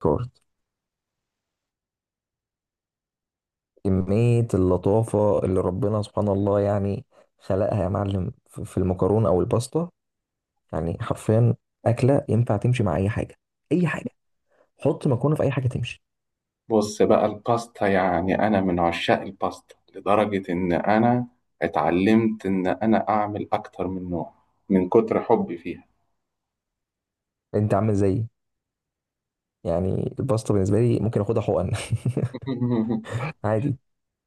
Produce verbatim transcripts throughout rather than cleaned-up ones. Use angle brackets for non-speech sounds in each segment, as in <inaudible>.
كارد. كمية اللطافة اللي ربنا سبحان الله يعني خلقها يا معلم في في المكرونة أو الباستا، يعني حرفيا أكلة ينفع تمشي مع أي حاجة، أي حاجة. حط مكرونة في أي حاجة تمشي. بص بقى الباستا، يعني أنا من عشاق الباستا لدرجة إن أنا اتعلمت إن أنا أعمل أكتر من نوع من كتر حبي فيها. أنت عامل زيي، يعني الباستا بالنسبة لي ممكن آخدها حقن. <laughs> <laughs> عادي.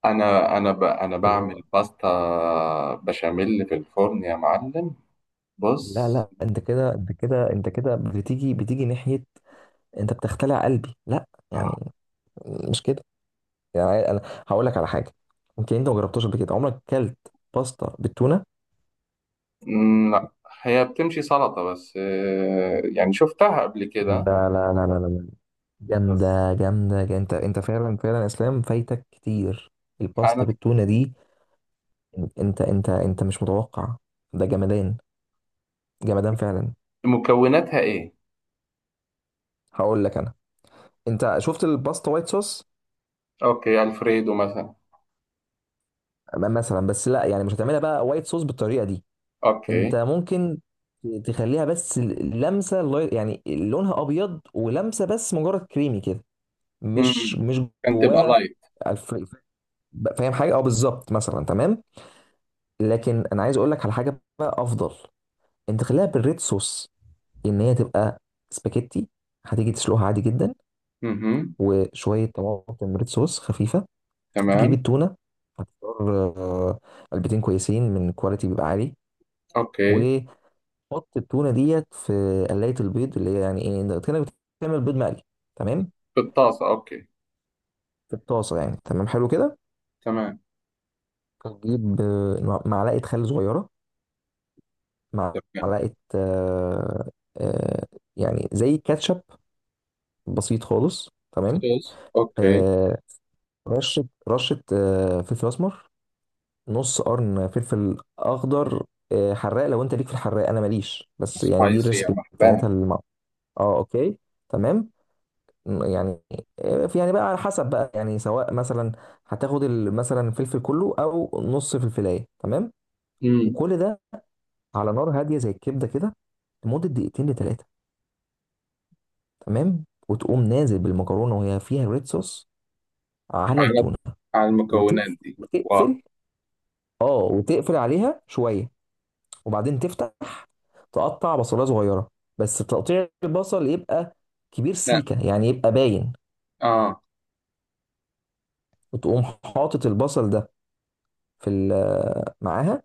أنا أنا ب... أنا اللي بعمل هو، باستا بشاميل في الفرن يا معلم. لا بص لا، أنت كده أنت كده أنت كده بتيجي بتيجي ناحية، أنت بتختلع قلبي، لا آه. يعني مش كده، يعني أنا هقول لك على حاجة، يمكن أنت ما جربتهاش قبل كده، عمرك كلت باستا بالتونة؟ مم، لا، هي بتمشي سلطة بس آه، يعني شفتها قبل كده لا لا لا لا لا، بس. جامدة، جامدة جا- انت انت فعلا فعلا اسلام فايتك كتير، الباستا أنا بالتونة دي، انت انت انت مش متوقع، ده جمدان، جمدان فعلا. مكوناتها إيه؟ هقول لك انا، انت شفت الباستا وايت صوص، أوكي، ألفريدو مثلا. م- مثلا، بس لا يعني مش هتعملها بقى وايت صوص بالطريقة دي، أوكي. انت ممكن ت- تخليها بس ال- لمسة، لاي- يعني لونها ابيض ولمسة بس مجرد كريمي كده، مش مم. مش كان تبقى جواها لايت. الف- فاهم حاجة، اه بالظبط مثلا تمام. لكن انا عايز اقول لك على حاجه بقى افضل، انت خليها بالريد صوص، ان هي تبقى سباكيتي، هتيجي تسلقها عادي جدا، مهم. وشويه طماطم ريد صوص خفيفه، تجيب تمام. التونه، هتختار آه، علبتين كويسين من كواليتي بيبقى عالي، اوكي. وحط التونه ديت في قلايه البيض اللي هي يعني ايه إنت كانك بتعمل بيض مقلي، تمام، بالطاسة اوكي. في الطاسه يعني، تمام حلو كده، تمام. هتجيب آه، معلقه خل صغيره، تمام. معلقه آه، آه، يعني زي كاتشب، بسيط خالص تمام. صوص اوكي. آه رشة رشة آه فلفل أسمر، نص قرن فلفل أخضر، آه حراق، لو أنت ليك في الحراق أنا ماليش، بس يعني دي سبايسي، يا الريسبي مرحبا. بتاعتها الم... أه أوكي تمام. م- يعني آه، في- يعني بقى على حسب بقى، يعني سواء مثلا هتاخد ال- مثلا الفلفل كله أو نص فلفلاية، تمام، امم. وكل ده على نار هادية زي الكبدة كده لمدة دقيقتين لتلاتة، تمام، وتقوم نازل بالمكرونة وهي فيها ريد صوص على على التونة على المكونات دي. واو. وتقفل. اه وتقفل عليها شويه، وبعدين تفتح، تقطع بصلايه صغيره، بس تقطيع البصل يبقى كبير لا. سيكه، يعني يبقى باين، اه. وتقوم حاطط البصل ده في ال- آه، معاها،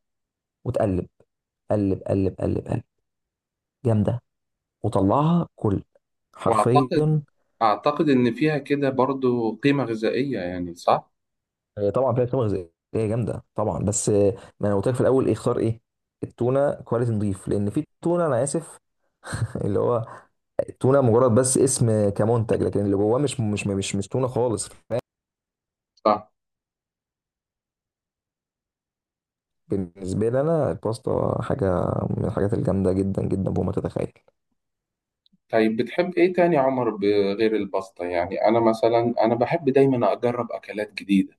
وتقلب قلب قلب قلب قلب، جامده، وطلعها كل، واعتقد، حرفيا. اعتقد ان فيها كده برضو قيمة غذائية، يعني صح؟ هي طبعا فيها قيمه غذائيه جامده طبعا، بس آه، ما انا قلت لك في الاول ايه اختار ايه، التونه كواليتي نضيف، لان في تونه انا اسف <laughs> اللي هو التونه مجرد بس اسم كمنتج، لكن اللي جواه مش مش مش مش تونه خالص. صح. بالنسبة لي أنا الباستا حاجة من الحاجات الجامدة جدا جدا فوق ما تتخيل. طيب بتحب ايه تاني يا عمر بغير الباستا؟ يعني انا مثلا انا بحب دايما اجرب اكلات جديدة،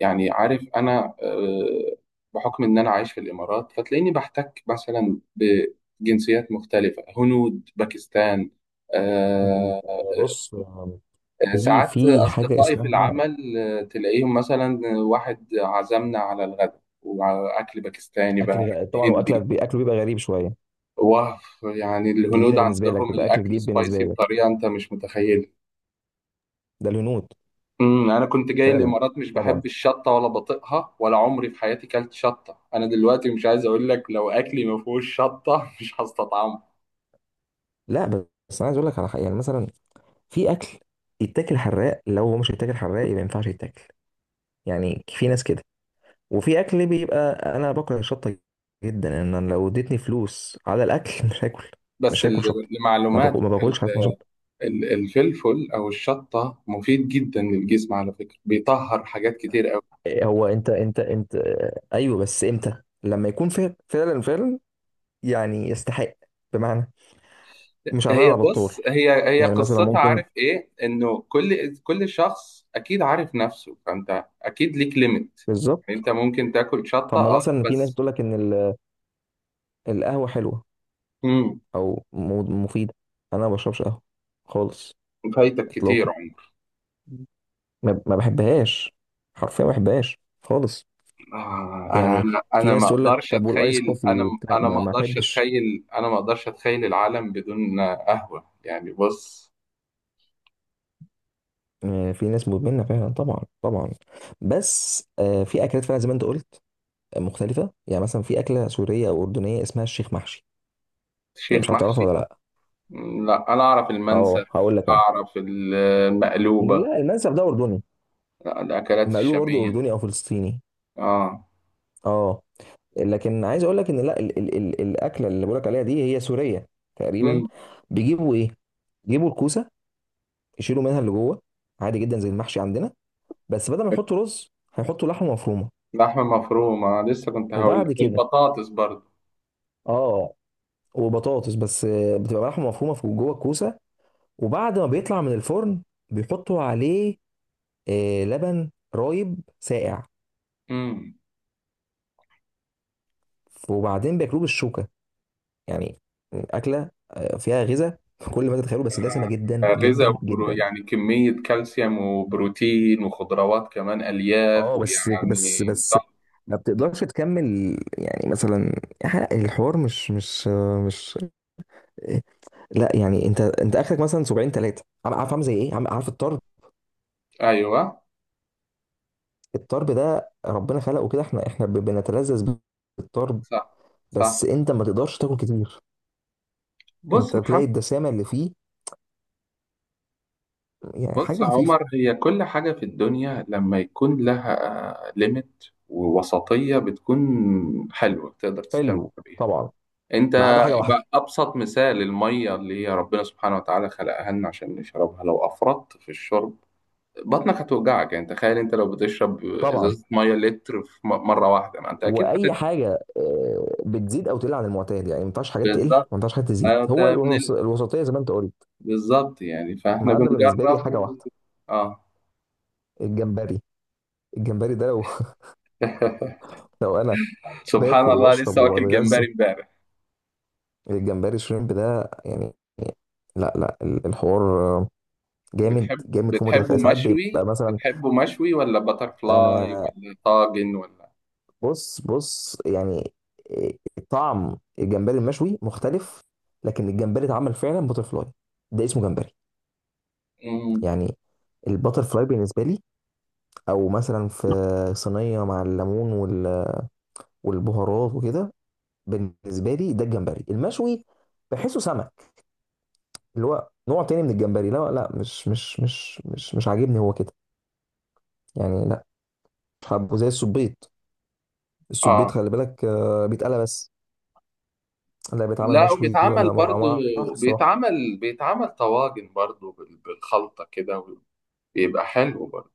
يعني عارف انا آه، بحكم ان انا عايش في الامارات فتلاقيني بحتك مثلا بجنسيات مختلفه، هنود، باكستان، مم. آه، آه، بص، آه، في ساعات في حاجة اصدقائي في اسمها العمل آه، تلاقيهم مثلا واحد عزمنا على الغداء وعلى اكل باكستاني بقى أكل، غ- أكل طبعا، هندي. وأكلك بي- أكله بيبقى غريب شوية، واو. يعني الهنود جديدة بالنسبة لك، عندهم بيبقى أكل الاكل جديد سبايسي بالنسبة لك، بطريقه انت مش متخيلها. ده الهنود امم. انا كنت جاي فعلا الامارات مش بحب طبعا. الشطه ولا بطيقها ولا عمري في حياتي كلت شطه، انا دلوقتي مش عايز اقول لك لو اكلي ما فيهوش شطه <laughs> مش هستطعمه. لا، بس أنا عايز أقول لك على حاجة، يعني مثلا في أكل يتاكل حراق، لو هو مش يتاكل حراق يبقى ما ينفعش يتاكل، يعني في ناس كده، وفي اكل بيبقى انا باكل الشطه جدا ان انا لو اديتني فلوس على الاكل <laughs> مش هاكل بس مش ال- هاكل شطه، ما باكل لمعلومات ما ال- باكلش حاجه اسمها شطه. ال- الفلفل او الشطه مفيد جدا للجسم على فكره، بيطهر حاجات كتير قوي. إيه، هو انت انت انت ايوه بس امتى؟ لما يكون فعلا فعلا فعلا يعني يستحق، بمعنى مش عمال هي على بص، بطال، هي هي يعني مثلا قصتها ممكن عارف ايه، انه كل كل شخص اكيد عارف نفسه، فانت اكيد ليك ليميت. بالظبط. انت ممكن تاكل شطه طب ما اه مثلا في ناس بس. بتقول لك ان ال- القهوه حلوه امم. او م- مفيده، انا ما بشربش قهوه خالص فايتك كتير. اطلاقا، ما ما بحبهاش، حرفيا ما بحبهاش خالص، آه، يعني انا في انا ناس ما تقول لك اقدرش طب والايس اتخيل. كوفي انا وبتاع، انا ما ما ما اقدرش احبش. اتخيل، انا ما اقدرش اتخيل العالم بدون قهوة، يعني بص. آه، في ناس مدمنه فعلا طبعا طبعا، بس آه، في اكلات فعلا زي ما انت قلت آه، مختلفه، يعني مثلا في اكله سوريه او اردنيه اسمها الشيخ محشي، يعني شيخ مش عارف محشي. تعرفها ولا لا؟ لا، انا اعرف المنسف، اه هقول لك انا، اعرف المقلوبة. لا المنسف ده اردني، لا، الاكلات مقلوب برضه الشامية. اردني او فلسطيني، اه. اه، لكن عايز اقول لك ان، لا، ال ال ال الاكله اللي بقول لك عليها دي هي سوريه تقريبا، امم. بيجيبوا ايه؟ بيجيبوا الكوسه، يشيلوا منها اللي جوه، عادي جدا زي المحشي عندنا، بس بدل ما يحطوا رز هيحطوا لحمه مفرومه، لحمة مفرومة لسه كنت هقول لك، وبعد كده البطاطس برضه. اه وبطاطس، بس آه، بتبقى لحمه مفرومه في جوه الكوسه، وبعد ما بيطلع من الفرن بيحطوا عليه آه، لبن رايب ساقع، امم. وبعدين بياكلوه بالشوكه، يعني اكله آه، فيها غذاء <laughs> في كل ما تتخيله، بس دسمه جدا غذاء جدا وبرو... جدا. يعني كمية كالسيوم وبروتين وخضروات كمان ألياف، اه بس بس ويعني. بس ما بتقدرش تكمل، يعني مثلا الحوار مش مش مش لا يعني، انت انت اخرك مثلا سبعين ثلاثه، عارف عامل زي ايه؟ عم- عارف الطرب، ايوه. الطرب ده ربنا خلقه كده، احنا احنا ب- بنتلذذ بالطرب، صح. صح. بس انت ما تقدرش تاكل كتير، بص انت محمد. تلاقي الدسامه اللي فيه، يعني بص حاجه يا خفيفه عمر، هي كل حاجة في الدنيا لما يكون لها ليميت ووسطية بتكون حلوة تقدر تستمتع حلو بيها. طبعا انت ما عدا حاجه واحده، بقى أبسط مثال المية اللي هي ربنا سبحانه وتعالى خلقها لنا عشان نشربها، لو أفرطت في الشرب بطنك هتوجعك. يعني تخيل انت لو بتشرب طبعا ازازة مية لتر في م- مرة واحدة، ما انت اكيد واي هتتعب. حاجه آه، بتزيد او تقل عن المعتاد، يعني ما ينفعش حاجات تقل وما بالظبط. ينفعش حاجات تزيد، انت هو من الوسط- ال... الوسطيه زي ما انت قلت. بالظبط. يعني ما فاحنا عدا بالنسبه لي بنجرب حاجه و... واحده، اه. الجمبري، الجمبري ده لو <laughs> <laughs> لو انا سبحان باكل الله، واشرب لسه واكل جمبري واتغذى، امبارح. الجمبري شريمب ده، يعني لا لا، ال- الحوار جامد بتحب، جامد فوق ما بتحبه تتخيل، ساعات مشوي بيبقى مثلا، بتحبه مشوي ولا باتر فلاي انا ولا طاجن ولا؟ بص بص يعني طعم الجمبري المشوي مختلف، لكن الجمبري اتعمل فعلا بتر فلاي ده اسمه جمبري، مم. يعني البتر فلاي بالنسبه لي، او مثلا في صينيه مع الليمون وال- والبهارات وكده، بالنسبه لي ده الجمبري المشوي، بحسه سمك، اللي هو نوع تاني من الجمبري، لا لا، مش مش مش مش مش عاجبني هو كده، يعني لا مش حابه، زي السبيط، السبيط اه. خلي بالك آه، بيتقلى بس، لا بيتعمل لا، مشوي وبيتعمل ولا، ما برضو، ما اعرفش الصراحه. بيتعمل بيتعمل طواجن برضو بال- بالخلطة كده، بيبقى حلو برضو.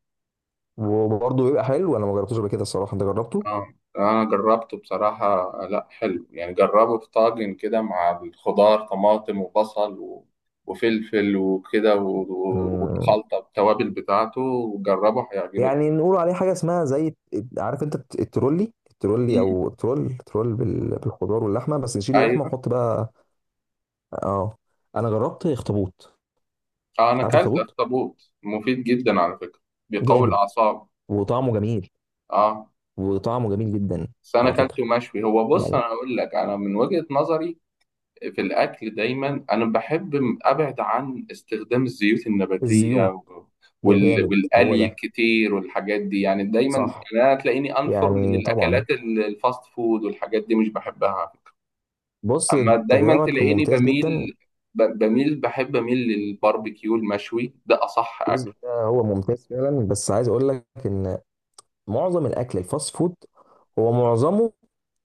وبرضه بيبقى حلو، انا ما جربتوش قبل كده الصراحه، انت جربته؟ اه انا جربته بصراحة، لا حلو يعني، جربه في طاجن كده مع الخضار، طماطم وبصل و... وفلفل وكده و- و- مم. والخلطة التوابل بتاعته، وجربه هيعجبك. يعني نقول عليه حاجه اسمها زي، عارف انت الت- الترولي الترولي مم. او ترول ترول بال- بالخضار واللحمه، بس نشيل اللحمه ايوه. ونحط بقى، اه، انا جربت اخطبوط، اه انا عارف اكلت اخطبوط اخطبوط، مفيد جدا على فكره، بيقوي جامد الاعصاب. وطعمه جميل، اه وطعمه جميل جدا بس انا على فكره، اكلته مشوي. هو بص، يعني انا اقول لك انا من وجهه نظري في الاكل، دايما انا بحب م- ابعد عن استخدام الزيوت النباتيه الزيوت، و- يا وال- جامد هو والقلي ده الكتير والحاجات دي، يعني دايما، صح، يعني انا تلاقيني انفر من يعني طبعا، الاكلات ال- الفاست فود والحاجات دي، مش بحبها. بص اما انت دايما كلامك تلاقيني ممتاز جدا، بميل، ب- بميل بحب اميل للباربيكيو المشوي، ده اصح اكل. الجزء ده هو ممتاز فعلا، بس عايز اقول لك ان معظم الاكل الفاست فود هو معظمه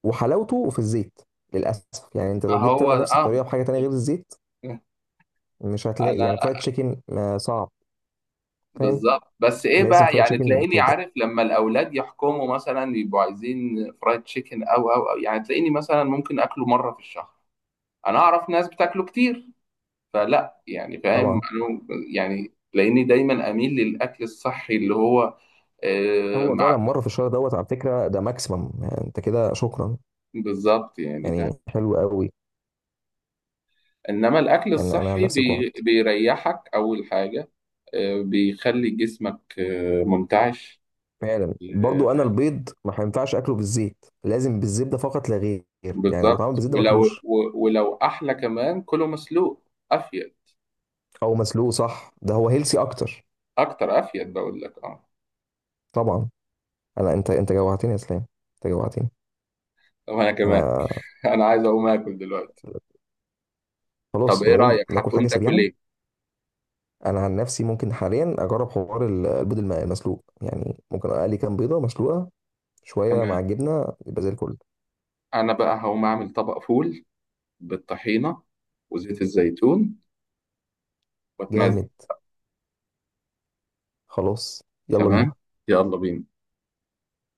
وحلاوته في الزيت للاسف، يعني انت ما لو جيت هو تعمل نفس اه. الطريقه بحاجه تانية غير الزيت <laughs> مش هتلاقي، انا يعني فرايد تشيكن آه، صعب، فاهم، بالظبط، بس ايه لازم بقى، فرايد يعني تشيكن تلاقيني كده، عارف لما الاولاد يحكموا مثلا يبقوا عايزين فرايد تشيكن او او او يعني تلاقيني مثلا ممكن اكله مره في الشهر. انا اعرف ناس بتاكله كتير، فلا يعني، فاهم طبعا أنا. يعني تلاقيني دايما اميل للاكل الصحي اللي هو آه، هو مع فعلا مره في الشهر دوت على فكره ده ماكسيمم، يعني انت كده شكرا، بالظبط، يعني فاهم. يعني حلو قوي، انما الاكل يعني انا عن الصحي نفسي بي جوعت، بيريحك اول حاجه. آه، بيخلي جسمك آه منتعش. فعلا آه، برضو، انا البيض ما هينفعش اكله بالزيت، لازم بالزبده فقط لا غير، يعني لو اتعمل بالظبط. بالزبده ولو ماكلوش، و- ولو احلى كمان كله مسلوق. افيد. او مسلوق صح ده هو هيلسي اكتر، اكتر افيد، بقول لك اه. طبعا. انا، انت انت جوعتني يا اسلام، انت جوعتني، طب انا كمان. انا <laughs> انا عايز اقوم اكل دلوقتي. طب خلاص ايه نقوم رايك ناكل هتقوم حاجه تاكل سريعا، ايه؟ انا عن نفسي ممكن حاليا اجرب حوار ال- البيض الم- المسلوق، يعني ممكن اقلي كام بيضه مسلوقه شويه تمام. مع الجبنه يبقى زي الفل، انا بقى هقوم اعمل طبق فول بالطحينه وزيت الزيتون واتمزج. جامد خلاص يلا تمام. بينا. يلا بينا.